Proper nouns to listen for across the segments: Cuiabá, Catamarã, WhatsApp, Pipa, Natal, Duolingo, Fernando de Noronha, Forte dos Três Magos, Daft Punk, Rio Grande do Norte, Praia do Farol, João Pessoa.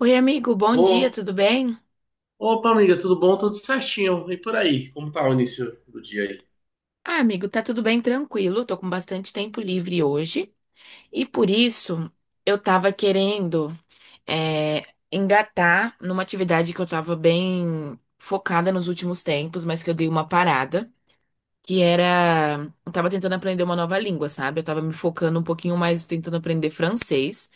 Oi, amigo, bom dia, Ô, tudo bem? opa, amiga, tudo bom? Tudo certinho. E por aí? Como tá o início do dia aí? Ah, amigo, tá tudo bem, tranquilo. Tô com bastante tempo livre hoje e por isso eu tava querendo é, engatar numa atividade que eu tava bem focada nos últimos tempos, mas que eu dei uma parada, que era. Eu tava tentando aprender uma nova língua, sabe? Eu tava me focando um pouquinho mais tentando aprender francês.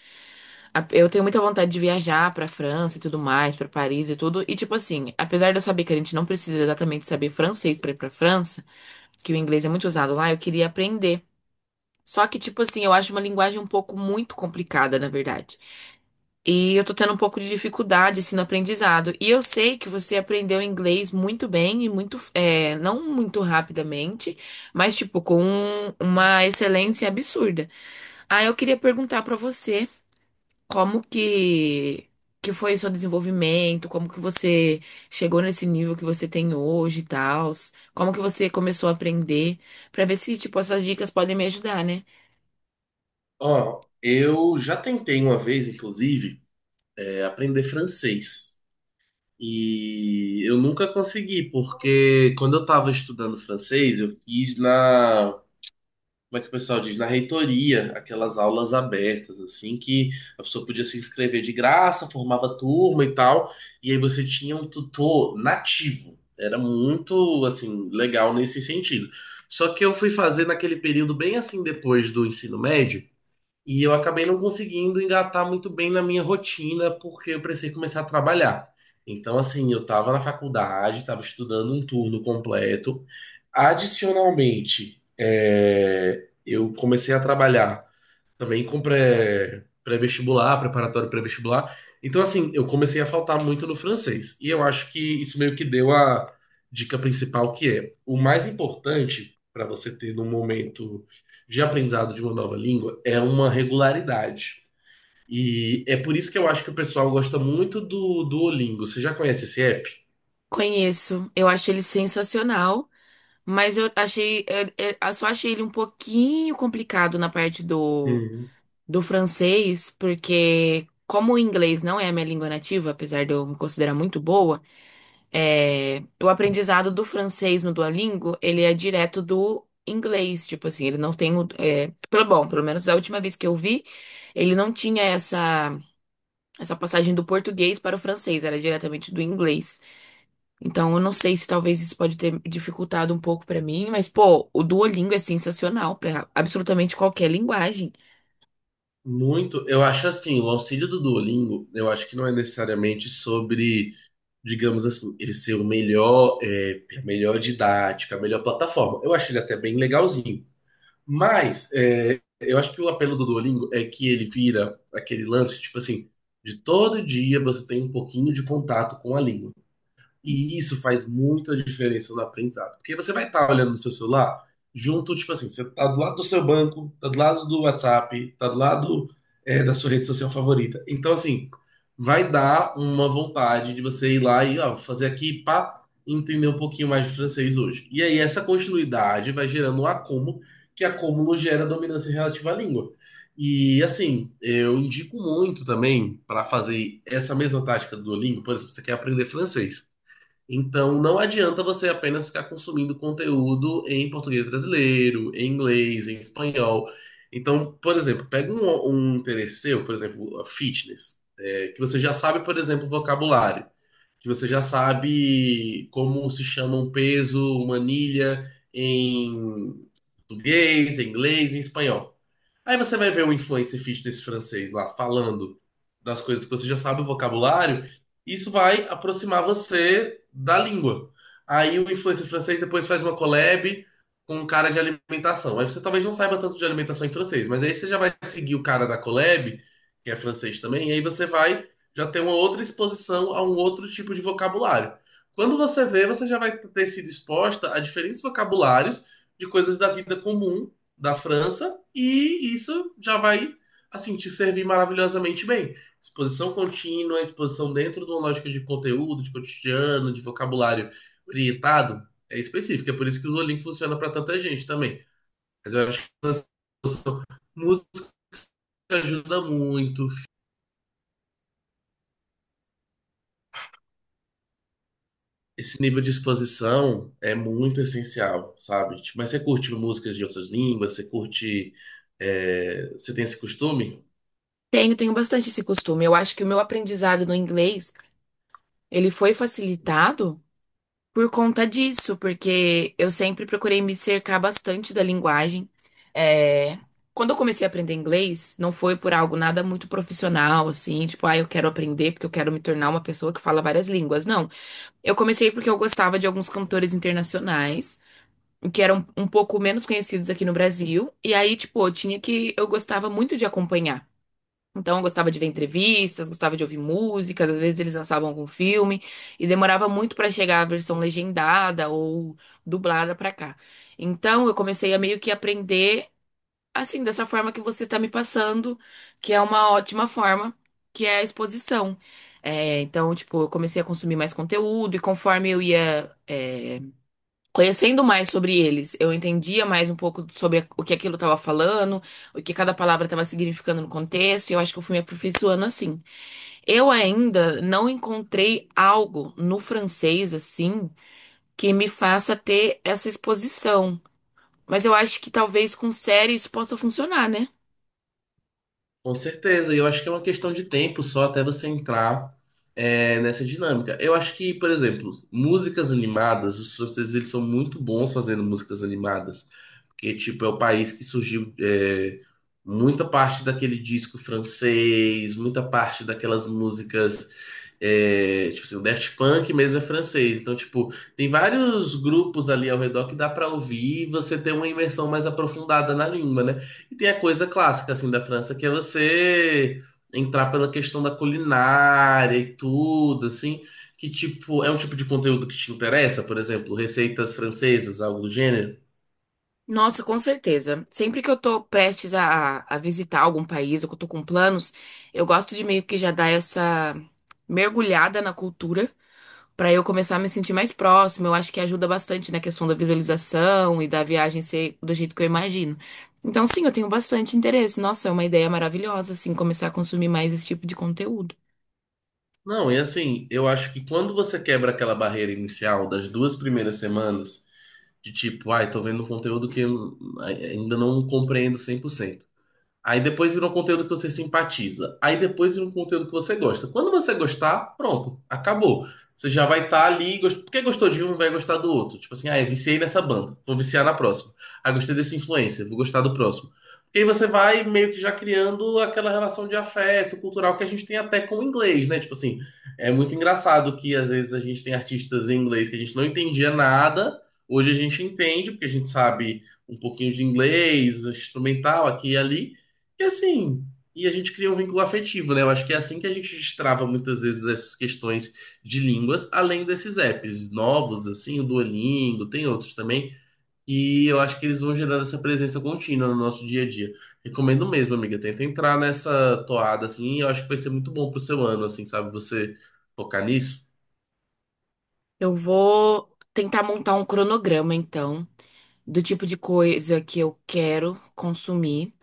Eu tenho muita vontade de viajar pra França e tudo mais, pra Paris e tudo. E, tipo assim, apesar de eu saber que a gente não precisa exatamente saber francês pra ir pra França, que o inglês é muito usado lá, eu queria aprender. Só que, tipo assim, eu acho uma linguagem um pouco muito complicada, na verdade. E eu tô tendo um pouco de dificuldade, assim, no aprendizado. E eu sei que você aprendeu inglês muito bem e muito, não muito rapidamente, mas, tipo, com uma excelência absurda. Ah, eu queria perguntar pra você. Como que foi o seu desenvolvimento? Como que você chegou nesse nível que você tem hoje e tal? Como que você começou a aprender? Pra ver se, tipo, essas dicas podem me ajudar, né? Ó, eu já tentei uma vez, inclusive, aprender francês. E eu nunca consegui, porque quando eu tava estudando francês, eu fiz na, como é que o pessoal diz, na reitoria, aquelas aulas abertas, assim, que a pessoa podia se inscrever de graça, formava turma e tal, e aí você tinha um tutor nativo. Era muito, assim, legal nesse sentido. Só que eu fui fazer naquele período bem assim depois do ensino médio, e eu acabei não conseguindo engatar muito bem na minha rotina, porque eu precisei começar a trabalhar. Então, assim, eu estava na faculdade, estava estudando um turno completo. Adicionalmente, eu comecei a trabalhar também com pré-vestibular, preparatório pré-vestibular. Então, assim, eu comecei a faltar muito no francês. E eu acho que isso meio que deu a dica principal, que é o mais importante para você ter no momento de aprendizado de uma nova língua é uma regularidade. E é por isso que eu acho que o pessoal gosta muito do Duolingo. Você já conhece esse app? Conheço, eu acho ele sensacional, mas eu só achei ele um pouquinho complicado na parte do francês, porque como o inglês não é a minha língua nativa, apesar de eu me considerar muito boa. É, o aprendizado do francês no Duolingo, ele é direto do inglês, tipo assim, ele não tem o, pelo menos a última vez que eu vi, ele não tinha essa passagem do português para o francês, era diretamente do inglês. Então eu não sei se talvez isso pode ter dificultado um pouco pra mim, mas pô, o Duolingo é sensacional para absolutamente qualquer linguagem. Muito, eu acho assim, o auxílio do Duolingo, eu acho que não é necessariamente sobre, digamos assim, ele ser o melhor, a melhor didática, a melhor plataforma. Eu acho ele até bem legalzinho. Mas eu acho que o apelo do Duolingo é que ele vira aquele lance, tipo assim, de todo dia você tem um pouquinho de contato com a língua. E isso faz muita diferença no aprendizado. Porque você vai estar olhando no seu celular, junto, tipo assim, você tá do lado do seu banco, tá do lado do WhatsApp, tá do lado, da sua rede social favorita. Então, assim, vai dar uma vontade de você ir lá e, ó, vou fazer aqui, pá, entender um pouquinho mais de francês hoje. E aí, essa continuidade vai gerando um acúmulo, que acúmulo gera dominância relativa à língua. E assim, eu indico muito também para fazer essa mesma tática do Duolingo. Por exemplo, você quer aprender francês. Então, não adianta você apenas ficar consumindo conteúdo em português brasileiro, em inglês, em espanhol. Então, por exemplo, pega um um interesse seu, por exemplo, a fitness, que você já sabe, por exemplo, o vocabulário, que você já sabe como se chama um peso, uma anilha em português, em inglês, em espanhol. Aí você vai ver um influencer fit desse francês lá falando das coisas que você já sabe, o vocabulário, e isso vai aproximar você da língua. Aí o influencer francês depois faz uma collab com um cara de alimentação. Aí você talvez não saiba tanto de alimentação em francês, mas aí você já vai seguir o cara da collab, que é francês também, e aí você vai já tem uma outra exposição a um outro tipo de vocabulário. Quando você vê, você já vai ter sido exposta a diferentes vocabulários de coisas da vida comum da França, e isso já vai, assim, te servir maravilhosamente bem. Exposição contínua, exposição dentro de uma lógica de conteúdo, de cotidiano, de vocabulário orientado, específica. É por isso que o Duolingo funciona para tanta gente também. Mas eu acho que essa música ajuda muito. Esse nível de exposição é muito essencial, sabe? Tipo, mas você curte músicas de outras línguas? Você curte. Você tem esse costume? Tenho, tenho bastante esse costume. Eu acho que o meu aprendizado no inglês, ele foi facilitado por conta disso, porque eu sempre procurei me cercar bastante da linguagem. É, quando eu comecei a aprender inglês, não foi por algo nada muito profissional, assim, tipo, ah, eu quero aprender porque eu quero me tornar uma pessoa que fala várias línguas. Não, eu comecei porque eu gostava de alguns cantores internacionais, que eram um pouco menos conhecidos aqui no Brasil, e aí, tipo, eu gostava muito de acompanhar. Então, eu gostava de ver entrevistas, gostava de ouvir músicas, às vezes eles lançavam algum filme e demorava muito pra chegar a versão legendada ou dublada pra cá. Então, eu comecei a meio que aprender assim, dessa forma que você tá me passando, que é uma ótima forma, que é a exposição. É, então, tipo, eu comecei a consumir mais conteúdo e conforme eu ia, conhecendo mais sobre eles, eu entendia mais um pouco sobre o que aquilo estava falando, o que cada palavra estava significando no contexto, e eu acho que eu fui me aperfeiçoando assim. Eu ainda não encontrei algo no francês assim que me faça ter essa exposição, mas eu acho que talvez com série isso possa funcionar, né? Com certeza, e eu acho que é uma questão de tempo só até você entrar nessa dinâmica. Eu acho que, por exemplo, músicas animadas, os franceses eles são muito bons fazendo músicas animadas, porque tipo é o país que surgiu, muita parte daquele disco francês, muita parte daquelas músicas, tipo assim, o Daft Punk mesmo é francês, então tipo tem vários grupos ali ao redor que dá pra ouvir e você ter uma imersão mais aprofundada na língua, né? E tem a coisa clássica, assim, da França, que é você entrar pela questão da culinária e tudo, assim, que, tipo, é um tipo de conteúdo que te interessa, por exemplo, receitas francesas, algo do gênero. Nossa, com certeza. Sempre que eu tô prestes a visitar algum país ou que eu tô com planos, eu gosto de meio que já dar essa mergulhada na cultura. Pra eu começar a me sentir mais próximo, eu acho que ajuda bastante na questão da visualização e da viagem ser do jeito que eu imagino. Então, sim, eu tenho bastante interesse. Nossa, é uma ideia maravilhosa, assim, começar a consumir mais esse tipo de conteúdo. Não, e assim, eu acho que quando você quebra aquela barreira inicial das duas primeiras semanas, de tipo, ai, tô vendo um conteúdo que eu ainda não compreendo 100%. Aí depois vira um conteúdo que você simpatiza. Aí depois vira um conteúdo que você gosta. Quando você gostar, pronto, acabou. Você já vai estar ali. Porque gostou de um, vai gostar do outro. Tipo assim, ah, eu viciei nessa banda, vou viciar na próxima. Ah, gostei desse influencer, vou gostar do próximo. E aí você vai meio que já criando aquela relação de afeto cultural que a gente tem até com o inglês, né? Tipo assim, é muito engraçado que às vezes a gente tem artistas em inglês que a gente não entendia nada. Hoje a gente entende, porque a gente sabe um pouquinho de inglês, instrumental aqui e ali. E assim, e a gente cria um vínculo afetivo, né? Eu acho que é assim que a gente destrava muitas vezes essas questões de línguas, além desses apps novos, assim, o Duolingo, tem outros também. E eu acho que eles vão gerando essa presença contínua no nosso dia a dia. Recomendo mesmo, amiga. Tenta entrar nessa toada, assim, e eu acho que vai ser muito bom pro seu ano, assim, sabe? Você focar nisso. Eu vou tentar montar um cronograma, então, do tipo de coisa que eu quero consumir.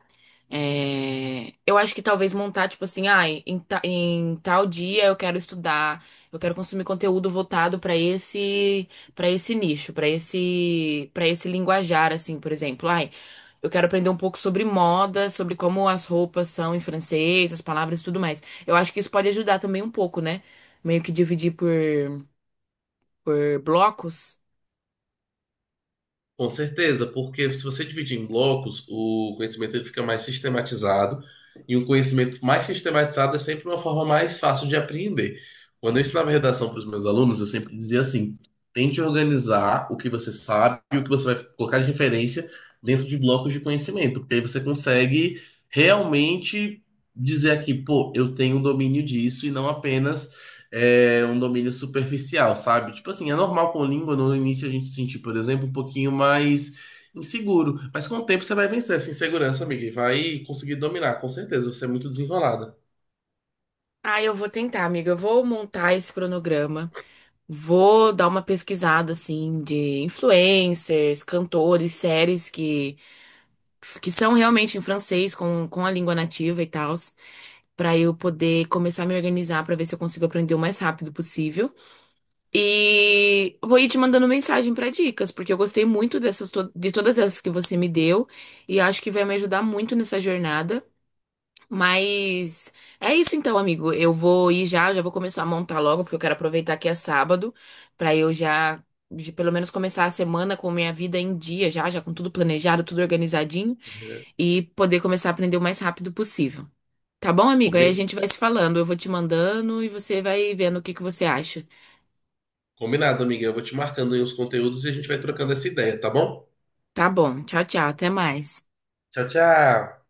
É, eu acho que talvez montar, tipo assim, ah, em tal dia eu quero estudar, eu quero consumir conteúdo voltado para esse nicho, para esse linguajar, assim, por exemplo. Ai, eu quero aprender um pouco sobre moda, sobre como as roupas são em francês, as palavras e tudo mais. Eu acho que isso pode ajudar também um pouco, né? Meio que por blocos. Com certeza, porque se você dividir em blocos, o conhecimento ele fica mais sistematizado, e um conhecimento mais sistematizado é sempre uma forma mais fácil de aprender. Quando eu ensinava redação para os meus alunos, eu sempre dizia assim: tente organizar o que você sabe e o que você vai colocar de referência dentro de blocos de conhecimento, porque aí você consegue realmente dizer aqui, pô, eu tenho um domínio disso e não apenas é um domínio superficial, sabe? Tipo assim, é normal com língua no início a gente se sentir, por exemplo, um pouquinho mais inseguro, mas com o tempo você vai vencer essa insegurança, amiga, e vai conseguir dominar, com certeza. Você é muito desenrolada. Ah, eu vou tentar, amiga. Eu vou montar esse cronograma. Vou dar uma pesquisada assim de influencers, cantores, séries que são realmente em francês com a língua nativa e tal, para eu poder começar a me organizar para ver se eu consigo aprender o mais rápido possível. E vou ir te mandando mensagem para dicas, porque eu gostei muito de todas essas que você me deu e acho que vai me ajudar muito nessa jornada. Mas é isso então, amigo. Eu vou ir já, já vou começar a montar logo, porque eu quero aproveitar que é sábado, pra eu já, pelo menos começar a semana com minha vida em dia, já, já com tudo planejado, tudo organizadinho, É, e poder começar a aprender o mais rápido possível. Tá bom, amigo? Aí a combi- gente vai se falando. Eu vou te mandando e você vai vendo o que que você acha. combinado, amiga. Eu vou te marcando aí os conteúdos e a gente vai trocando essa ideia, tá bom? Tá bom. Tchau, tchau. Até mais. Tchau, tchau.